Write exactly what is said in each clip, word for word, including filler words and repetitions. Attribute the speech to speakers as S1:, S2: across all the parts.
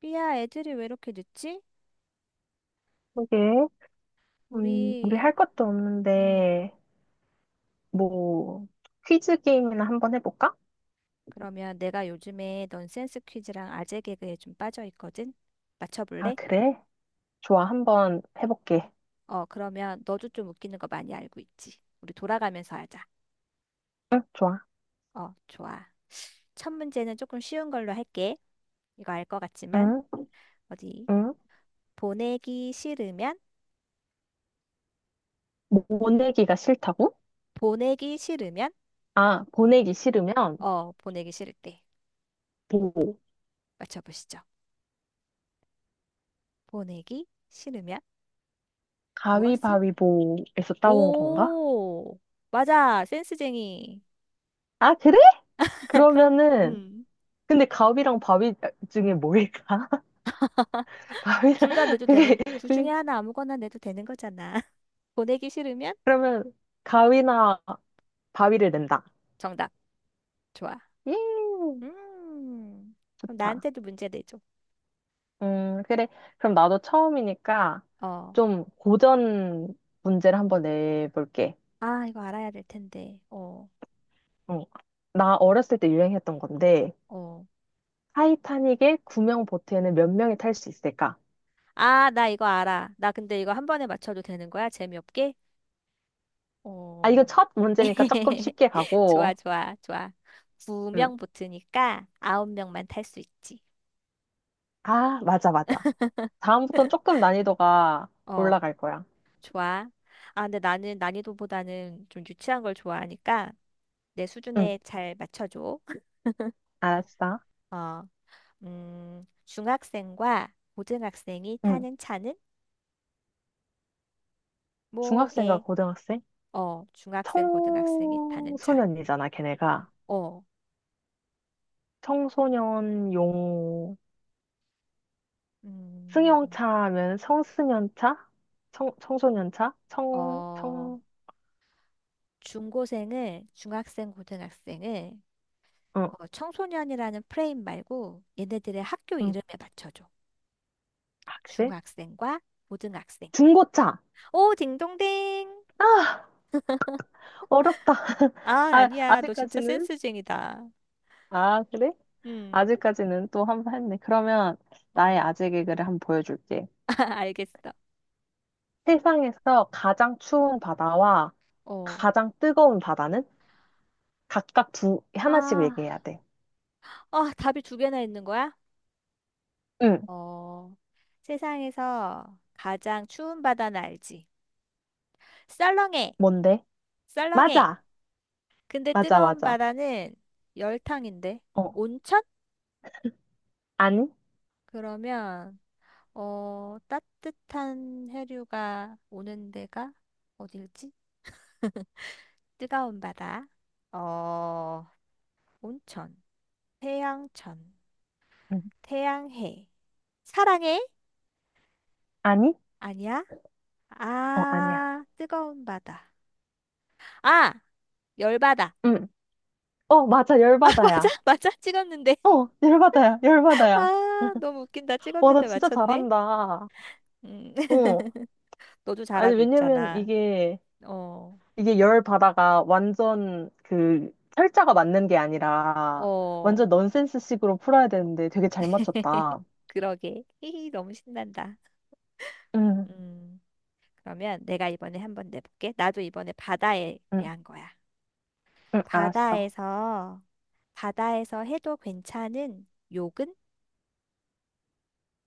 S1: 삐야, 애들이 왜 이렇게 늦지?
S2: 그게, 음, 우리
S1: 우리,
S2: 할 것도
S1: 음,
S2: 없는데, 뭐, 퀴즈 게임이나 한번 해볼까?
S1: 그러면 내가 요즘에 넌센스 퀴즈랑 아재 개그에 좀 빠져 있거든?
S2: 아,
S1: 맞춰볼래?
S2: 그래? 좋아, 한번 해볼게.
S1: 어, 그러면 너도 좀 웃기는 거 많이 알고 있지? 우리 돌아가면서 하자.
S2: 응, 좋아.
S1: 어, 좋아. 첫 문제는 조금 쉬운 걸로 할게. 이거 알 것 같지만,
S2: 응,
S1: 어디?
S2: 응.
S1: 보내기 싫으면?
S2: 뭐 보내기가 싫다고?
S1: 보내기 싫으면?
S2: 아, 보내기 싫으면,
S1: 어, 보내기 싫을 때.
S2: 보,
S1: 맞춰보시죠. 보내기 싫으면 무엇을?
S2: 가위바위보에서 따온 건가?
S1: 오! 맞아! 센스쟁이.
S2: 아, 그래?
S1: 그럼,
S2: 그러면은,
S1: 음,
S2: 근데 가위랑 바위 중에 뭐일까? 가위랑,
S1: 둘 다 내도
S2: 그게,
S1: 되는, 둘 중에
S2: 그게,
S1: 하나 아무거나 내도 되는 거잖아. 보내기 싫으면
S2: 그러면, 가위나 바위를 낸다.
S1: 정답. 좋아.
S2: 예,
S1: 음, 그럼
S2: 좋다.
S1: 나한테도 문제 내줘.
S2: 음, 그래. 그럼 나도 처음이니까
S1: 어.
S2: 좀 고전 문제를 한번 내볼게.
S1: 아, 이거 알아야 될 텐데. 어,
S2: 어. 나 어렸을 때 유행했던 건데,
S1: 어.
S2: 타이타닉의 구명 보트에는 몇 명이 탈 수 있을까?
S1: 아, 나 이거 알아. 나 근데 이거 한 번에 맞춰도 되는 거야? 재미없게?
S2: 아, 이거
S1: 어.
S2: 첫 문제니까 조금 쉽게
S1: 좋아,
S2: 가고,
S1: 좋아, 좋아.
S2: 음.
S1: 구 명 붙으니까 아홉 명만 탈 수 있지.
S2: 아, 맞아, 맞아. 다음부터는 조금 난이도가
S1: 어,
S2: 올라갈 거야.
S1: 좋아. 아, 근데 나는 난이도보다는 좀 유치한 걸 좋아하니까 내
S2: 응,
S1: 수준에 잘 맞춰줘.
S2: 알았어.
S1: 어, 음, 중학생과 고등학생이
S2: 응,
S1: 타는 차는
S2: 중학생과
S1: 뭐게?
S2: 고등학생?
S1: 어, 중학생, 고등학생이 타는 차.
S2: 청소년이잖아, 걔네가.
S1: 어,
S2: 청소년용
S1: 음,
S2: 승용차 하면 청소년차? 청, 청소년차? 청,
S1: 어,
S2: 청,
S1: 중고생을, 중학생, 고등학생을
S2: 어,
S1: 어, 청소년이라는 프레임 말고 얘네들의 학교
S2: 응.
S1: 이름에 맞춰줘.
S2: 아, 그래?
S1: 중학생과 고등학생.
S2: 중고차!
S1: 오, 딩동댕.
S2: 아, 어렵다.
S1: 아,
S2: 아,
S1: 아니야. 너 진짜
S2: 아직까지는?
S1: 센스쟁이다.
S2: 아, 그래?
S1: 음,
S2: 아직까지는 또 한번 했네. 그러면 나의
S1: 어,
S2: 아재 개그를 한번 보여줄게.
S1: 알겠어.
S2: 세상에서 가장 추운 바다와
S1: 어.
S2: 가장 뜨거운 바다는 각각 두, 하나씩
S1: 아,
S2: 얘기해야 돼.
S1: 아, 답이 두 개나 있는 거야?
S2: 응,
S1: 어, 세상에서 가장 추운 바다는 알지? 썰렁해,
S2: 뭔데?
S1: 썰렁해.
S2: 맞아!
S1: 근데
S2: 맞아,
S1: 뜨거운
S2: 맞아.
S1: 바다는 열탕인데?
S2: 어,
S1: 온천?
S2: 아니?
S1: 그러면, 어, 따뜻한 해류가 오는 데가 어딜지? 뜨거운 바다. 어, 온천. 태양천.
S2: 응.
S1: 태양해. 사랑해?
S2: 아니?
S1: 아니야?
S2: 어, 아니야.
S1: 아, 뜨거운 바다. 아, 열바다.
S2: 응. 어, 맞아.
S1: 아, 맞아?
S2: 열받아야.
S1: 맞아? 찍었는데.
S2: 어, 열받아야. 열받아야.
S1: 아, 너무 웃긴다.
S2: 와, 나
S1: 찍었는데
S2: 진짜
S1: 맞췄네.
S2: 잘한다.
S1: 음,
S2: 어.
S1: 너도
S2: 아니,
S1: 잘하고
S2: 왜냐면
S1: 있잖아.
S2: 이게,
S1: 어,
S2: 이게 열바다가 완전 그, 철자가 맞는 게 아니라, 완전
S1: 어,
S2: 넌센스 식으로 풀어야 되는데 되게 잘 맞췄다.
S1: 그러게. 히히, 너무 신난다.
S2: 응,
S1: 음, 그러면 내가 이번에 한번 내볼게. 나도 이번에 바다에
S2: 응,
S1: 대한 거야.
S2: 응, 알았어.
S1: 바다에서, 바다에서 해도 괜찮은 욕은?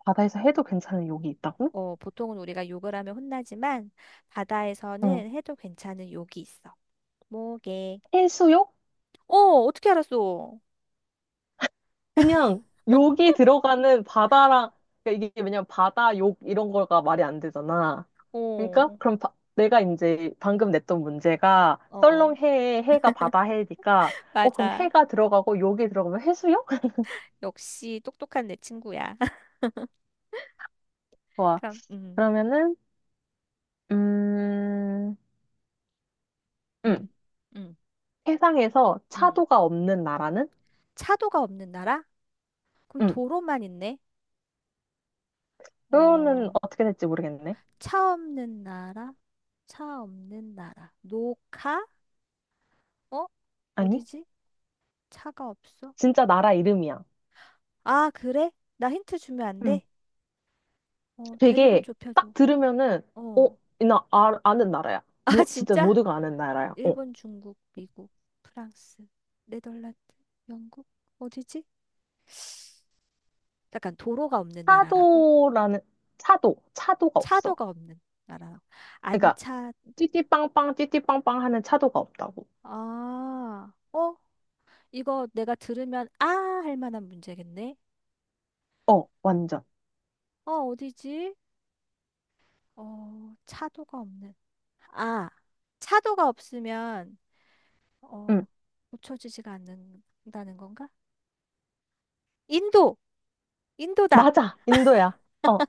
S2: 바다에서 해도 괜찮은 욕이 있다고?
S1: 어, 보통은 우리가 욕을 하면 혼나지만,
S2: 응.
S1: 바다에서는 해도 괜찮은 욕이 있어. 뭐게?
S2: 해수욕?
S1: 어, 어떻게 알았어?
S2: 그냥 욕이 들어가는 바다랑 그러니까 이게 왜냐면 바다 욕 이런 거가 말이 안 되잖아. 그러니까
S1: 어,
S2: 그럼 바- 내가 이제 방금 냈던 문제가
S1: 어.
S2: 썰렁해에 해가 바다 해니까 어 그럼
S1: 맞아.
S2: 해가 들어가고 욕이 들어가면 해수욕?
S1: 역시 똑똑한 내 친구야.
S2: 좋아.
S1: 그럼, 음,
S2: 그러면은 음,
S1: 음
S2: 음
S1: 음
S2: 세상에서
S1: 음
S2: 차도가 없는 나라는?
S1: 차도가 없는 나라? 그럼
S2: 음
S1: 도로만 있네?
S2: 그거는
S1: 어,
S2: 어떻게 될지 모르겠네.
S1: 차 없는 나라? 차 없는 나라. 노카? 어?
S2: 아니
S1: 어디지? 차가 없어?
S2: 진짜 나라 이름이야.
S1: 아, 그래? 나 힌트 주면 안 돼? 어, 대륙을
S2: 되게
S1: 좁혀줘.
S2: 딱 들으면은 어,
S1: 어.
S2: 나 아, 아는 나라야.
S1: 아,
S2: 뭐 진짜
S1: 진짜?
S2: 모두가 아는 나라야. 어.
S1: 일본, 중국, 미국, 프랑스, 네덜란드, 영국? 어디지? 약간 도로가 없는 나라라고?
S2: 차도라는 차도 차도가 없어.
S1: 차도가 없는 나라.
S2: 그러니까
S1: 안차,
S2: 찌띠빵빵 찌띠빵빵 하는 차도가 없다고.
S1: 아, 어? 이거 내가 들으면 아! 할 만한 문제겠네.
S2: 어, 완전.
S1: 어, 어디지? 어, 차도가 없는. 아, 차도가 없으면, 어,
S2: 응.
S1: 고쳐지지가 않는다는 건가? 인도! 인도다!
S2: 맞아. 인도야. 어,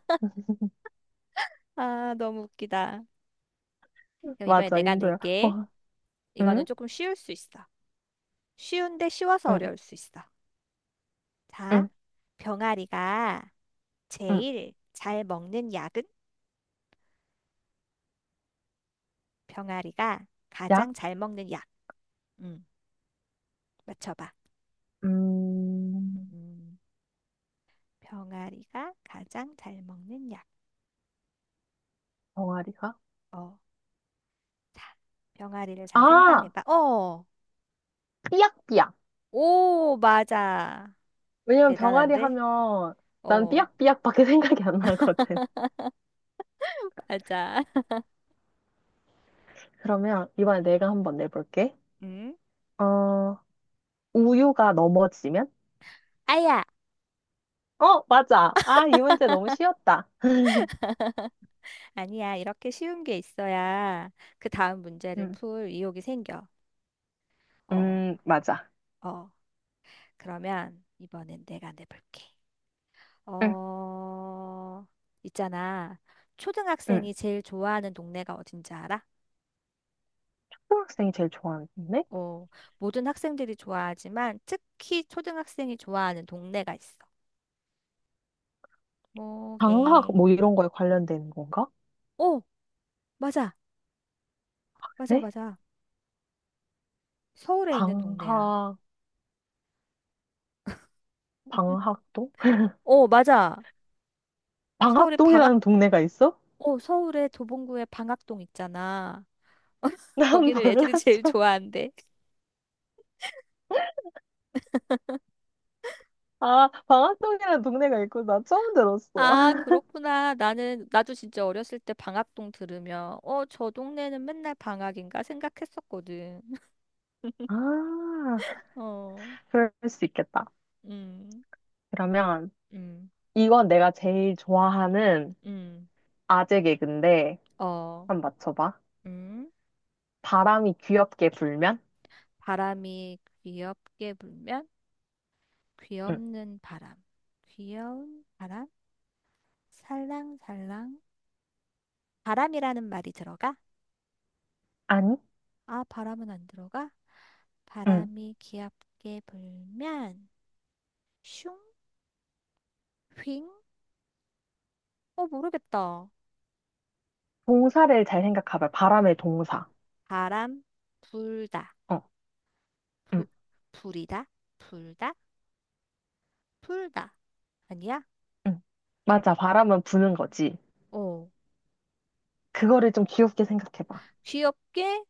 S1: 아, 너무 웃기다. 그럼 이번에
S2: 맞아.
S1: 내가
S2: 인도야.
S1: 낼게.
S2: 어.
S1: 이거는
S2: 응?
S1: 조금 쉬울 수 있어. 쉬운데 쉬워서
S2: 응.
S1: 어려울 수 있어. 자,
S2: 응.
S1: 병아리가
S2: 응.
S1: 제일 잘 먹는 약은? 병아리가
S2: 야?
S1: 가장 잘 먹는 약. 음, 맞춰봐.
S2: 음.
S1: 음, 병아리가 가장 잘 먹는 약.
S2: 병아리가?
S1: 어, 자, 병아리를 잘
S2: 아,
S1: 생산해봐. 어,
S2: 삐약삐약.
S1: 오, 맞아.
S2: 왜냐면 병아리
S1: 대단한데?
S2: 하면 난
S1: 어,
S2: 삐약삐약밖에 생각이 안 나거든.
S1: 맞아.
S2: 그러면 이번에
S1: 음,
S2: 내가 한번 내볼게.
S1: 음?
S2: 어, 우유가 넘어지면?
S1: 아야!
S2: 어, 맞아. 아, 이 문제 너무 쉬웠다.
S1: 아니야, 이렇게 쉬운 게 있어야 그 다음 문제를
S2: 음,
S1: 풀 의욕이 생겨. 어,
S2: 음, 맞아.
S1: 어. 그러면 이번엔 내가 내볼게.
S2: 응,
S1: 어, 있잖아.
S2: 응.
S1: 초등학생이 제일 좋아하는 동네가 어딘지 알아?
S2: 초등학생이 제일 좋아하는 데
S1: 어, 모든 학생들이 좋아하지만 특히 초등학생이 좋아하는 동네가 있어. 뭐게?
S2: 방학 뭐 이런 거에 관련된 건가?
S1: 어, 맞아. 맞아,
S2: 네?
S1: 맞아. 서울에 있는 동네야.
S2: 방학, 방학동?
S1: 어, 맞아. 서울의 방학,
S2: 방학동이라는 동네가 있어?
S1: 어, 서울의 도봉구의 방학동 있잖아.
S2: 난
S1: 거기를 애들이 제일
S2: 몰랐어.
S1: 좋아한대.
S2: 아, 방학동이라는 동네가 있고, 나 처음 들었어.
S1: 아, 그렇구나. 나는, 나도 진짜 어렸을 때 방학동 들으면, 어, 저 동네는 맨날 방학인가 생각했었거든.
S2: 아,
S1: 어,
S2: 그럴 수 있겠다.
S1: 음,
S2: 그러면
S1: 음,
S2: 이건 내가 제일 좋아하는
S1: 음,
S2: 아재 개그인데,
S1: 어,
S2: 한번 맞춰봐.
S1: 음.
S2: 바람이 귀엽게 불면?
S1: 바람이 귀엽게 불면,
S2: 응.
S1: 귀엽는 바람. 귀여운 바람? 살랑살랑. 바람이라는 말이 들어가?
S2: 아니?
S1: 아, 바람은 안 들어가?
S2: 응.
S1: 바람이 귀엽게 불면, 슝, 휑? 어, 모르겠다.
S2: 동사를 잘 생각해봐. 바람의 동사.
S1: 바람 불다.
S2: 어. 응.
S1: 부, 불이다. 불다. 불다. 아니야?
S2: 응. 맞아. 바람은 부는 거지.
S1: 어.
S2: 그거를 좀 귀엽게 생각해봐.
S1: 귀엽게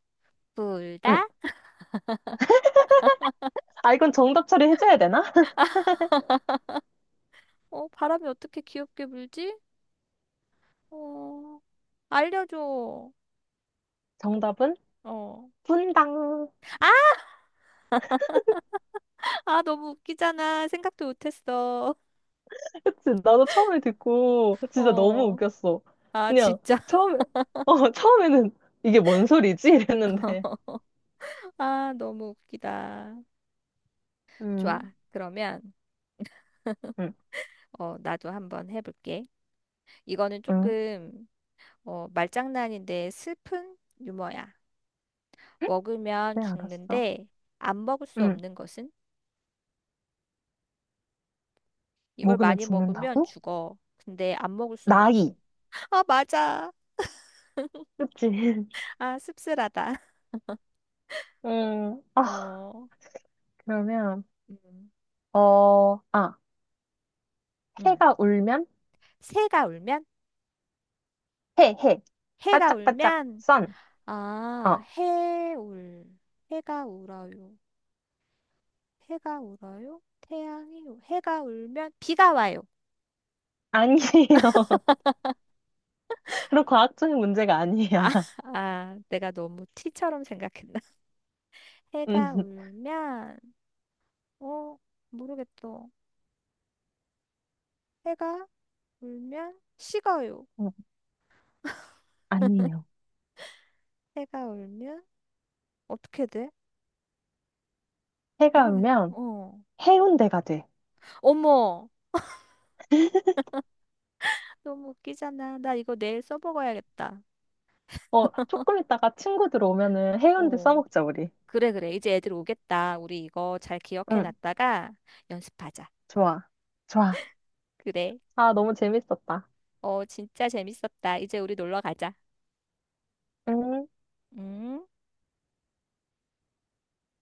S2: 응.
S1: 불다.
S2: 아, 이건 정답 처리해줘야 되나?
S1: 어, 바람이 어떻게 귀엽게 불지? 어. 알려줘.
S2: 정답은
S1: 어.
S2: 분당.
S1: 아, 아, 너무 웃기잖아. 생각도 못했어.
S2: 그치? 나도 처음에 듣고 진짜 너무
S1: 어.
S2: 웃겼어.
S1: 아,
S2: 그냥
S1: 진짜.
S2: 처음에, 어, 처음에는 이게 뭔 소리지? 이랬는데.
S1: 아, 너무 웃기다. 좋아.
S2: 응.
S1: 그러면,
S2: 응.
S1: 어, 나도 한번 해볼게. 이거는
S2: 응.
S1: 조금, 어, 말장난인데 슬픈 유머야. 먹으면
S2: 네, 알았어.
S1: 죽는데 안 먹을 수
S2: 응.
S1: 없는 것은? 이걸
S2: 먹으면
S1: 많이 먹으면
S2: 죽는다고?
S1: 죽어. 근데 안 먹을 수가 없어.
S2: 나이.
S1: 아, 맞아.
S2: 그치?
S1: 아, 씁쓸하다.
S2: 음, 아,
S1: 어,
S2: 그러면,
S1: 음,
S2: 어, 아,
S1: 음.
S2: 해가 울면?
S1: 새가 울면?
S2: 해, 해. 바
S1: 해가
S2: 짝바짝
S1: 울면?
S2: 선.
S1: 아,
S2: 어,
S1: 해 울. 해가 울어요. 해가 울어요? 태양이 울- 해가 울면 비가 와요.
S2: 아니에요. 그런 과학적인 문제가
S1: 아,
S2: 아니야.
S1: 아, 내가 너무 티처럼 생각했나? 해가
S2: 음,
S1: 울면, 어, 모르겠어. 해가 울면 식어요.
S2: 음, 아니에요.
S1: 해가 울면 어떻게 돼?
S2: 해가
S1: 모르겠.
S2: 울면
S1: 어.
S2: 해운대가 돼.
S1: 어머. 너무 웃기잖아. 나 이거 내일 써먹어야겠다.
S2: 어, 조금 있다가 친구들 오면은 해운대
S1: 어.
S2: 써먹자, 우리.
S1: 그래, 그래. 이제 애들 오겠다. 우리 이거 잘 기억해
S2: 응,
S1: 놨다가 연습하자.
S2: 좋아. 좋아.
S1: 그래.
S2: 아, 너무 재밌었다.
S1: 어, 진짜 재밌었다. 이제 우리 놀러 가자.
S2: 음.
S1: 응?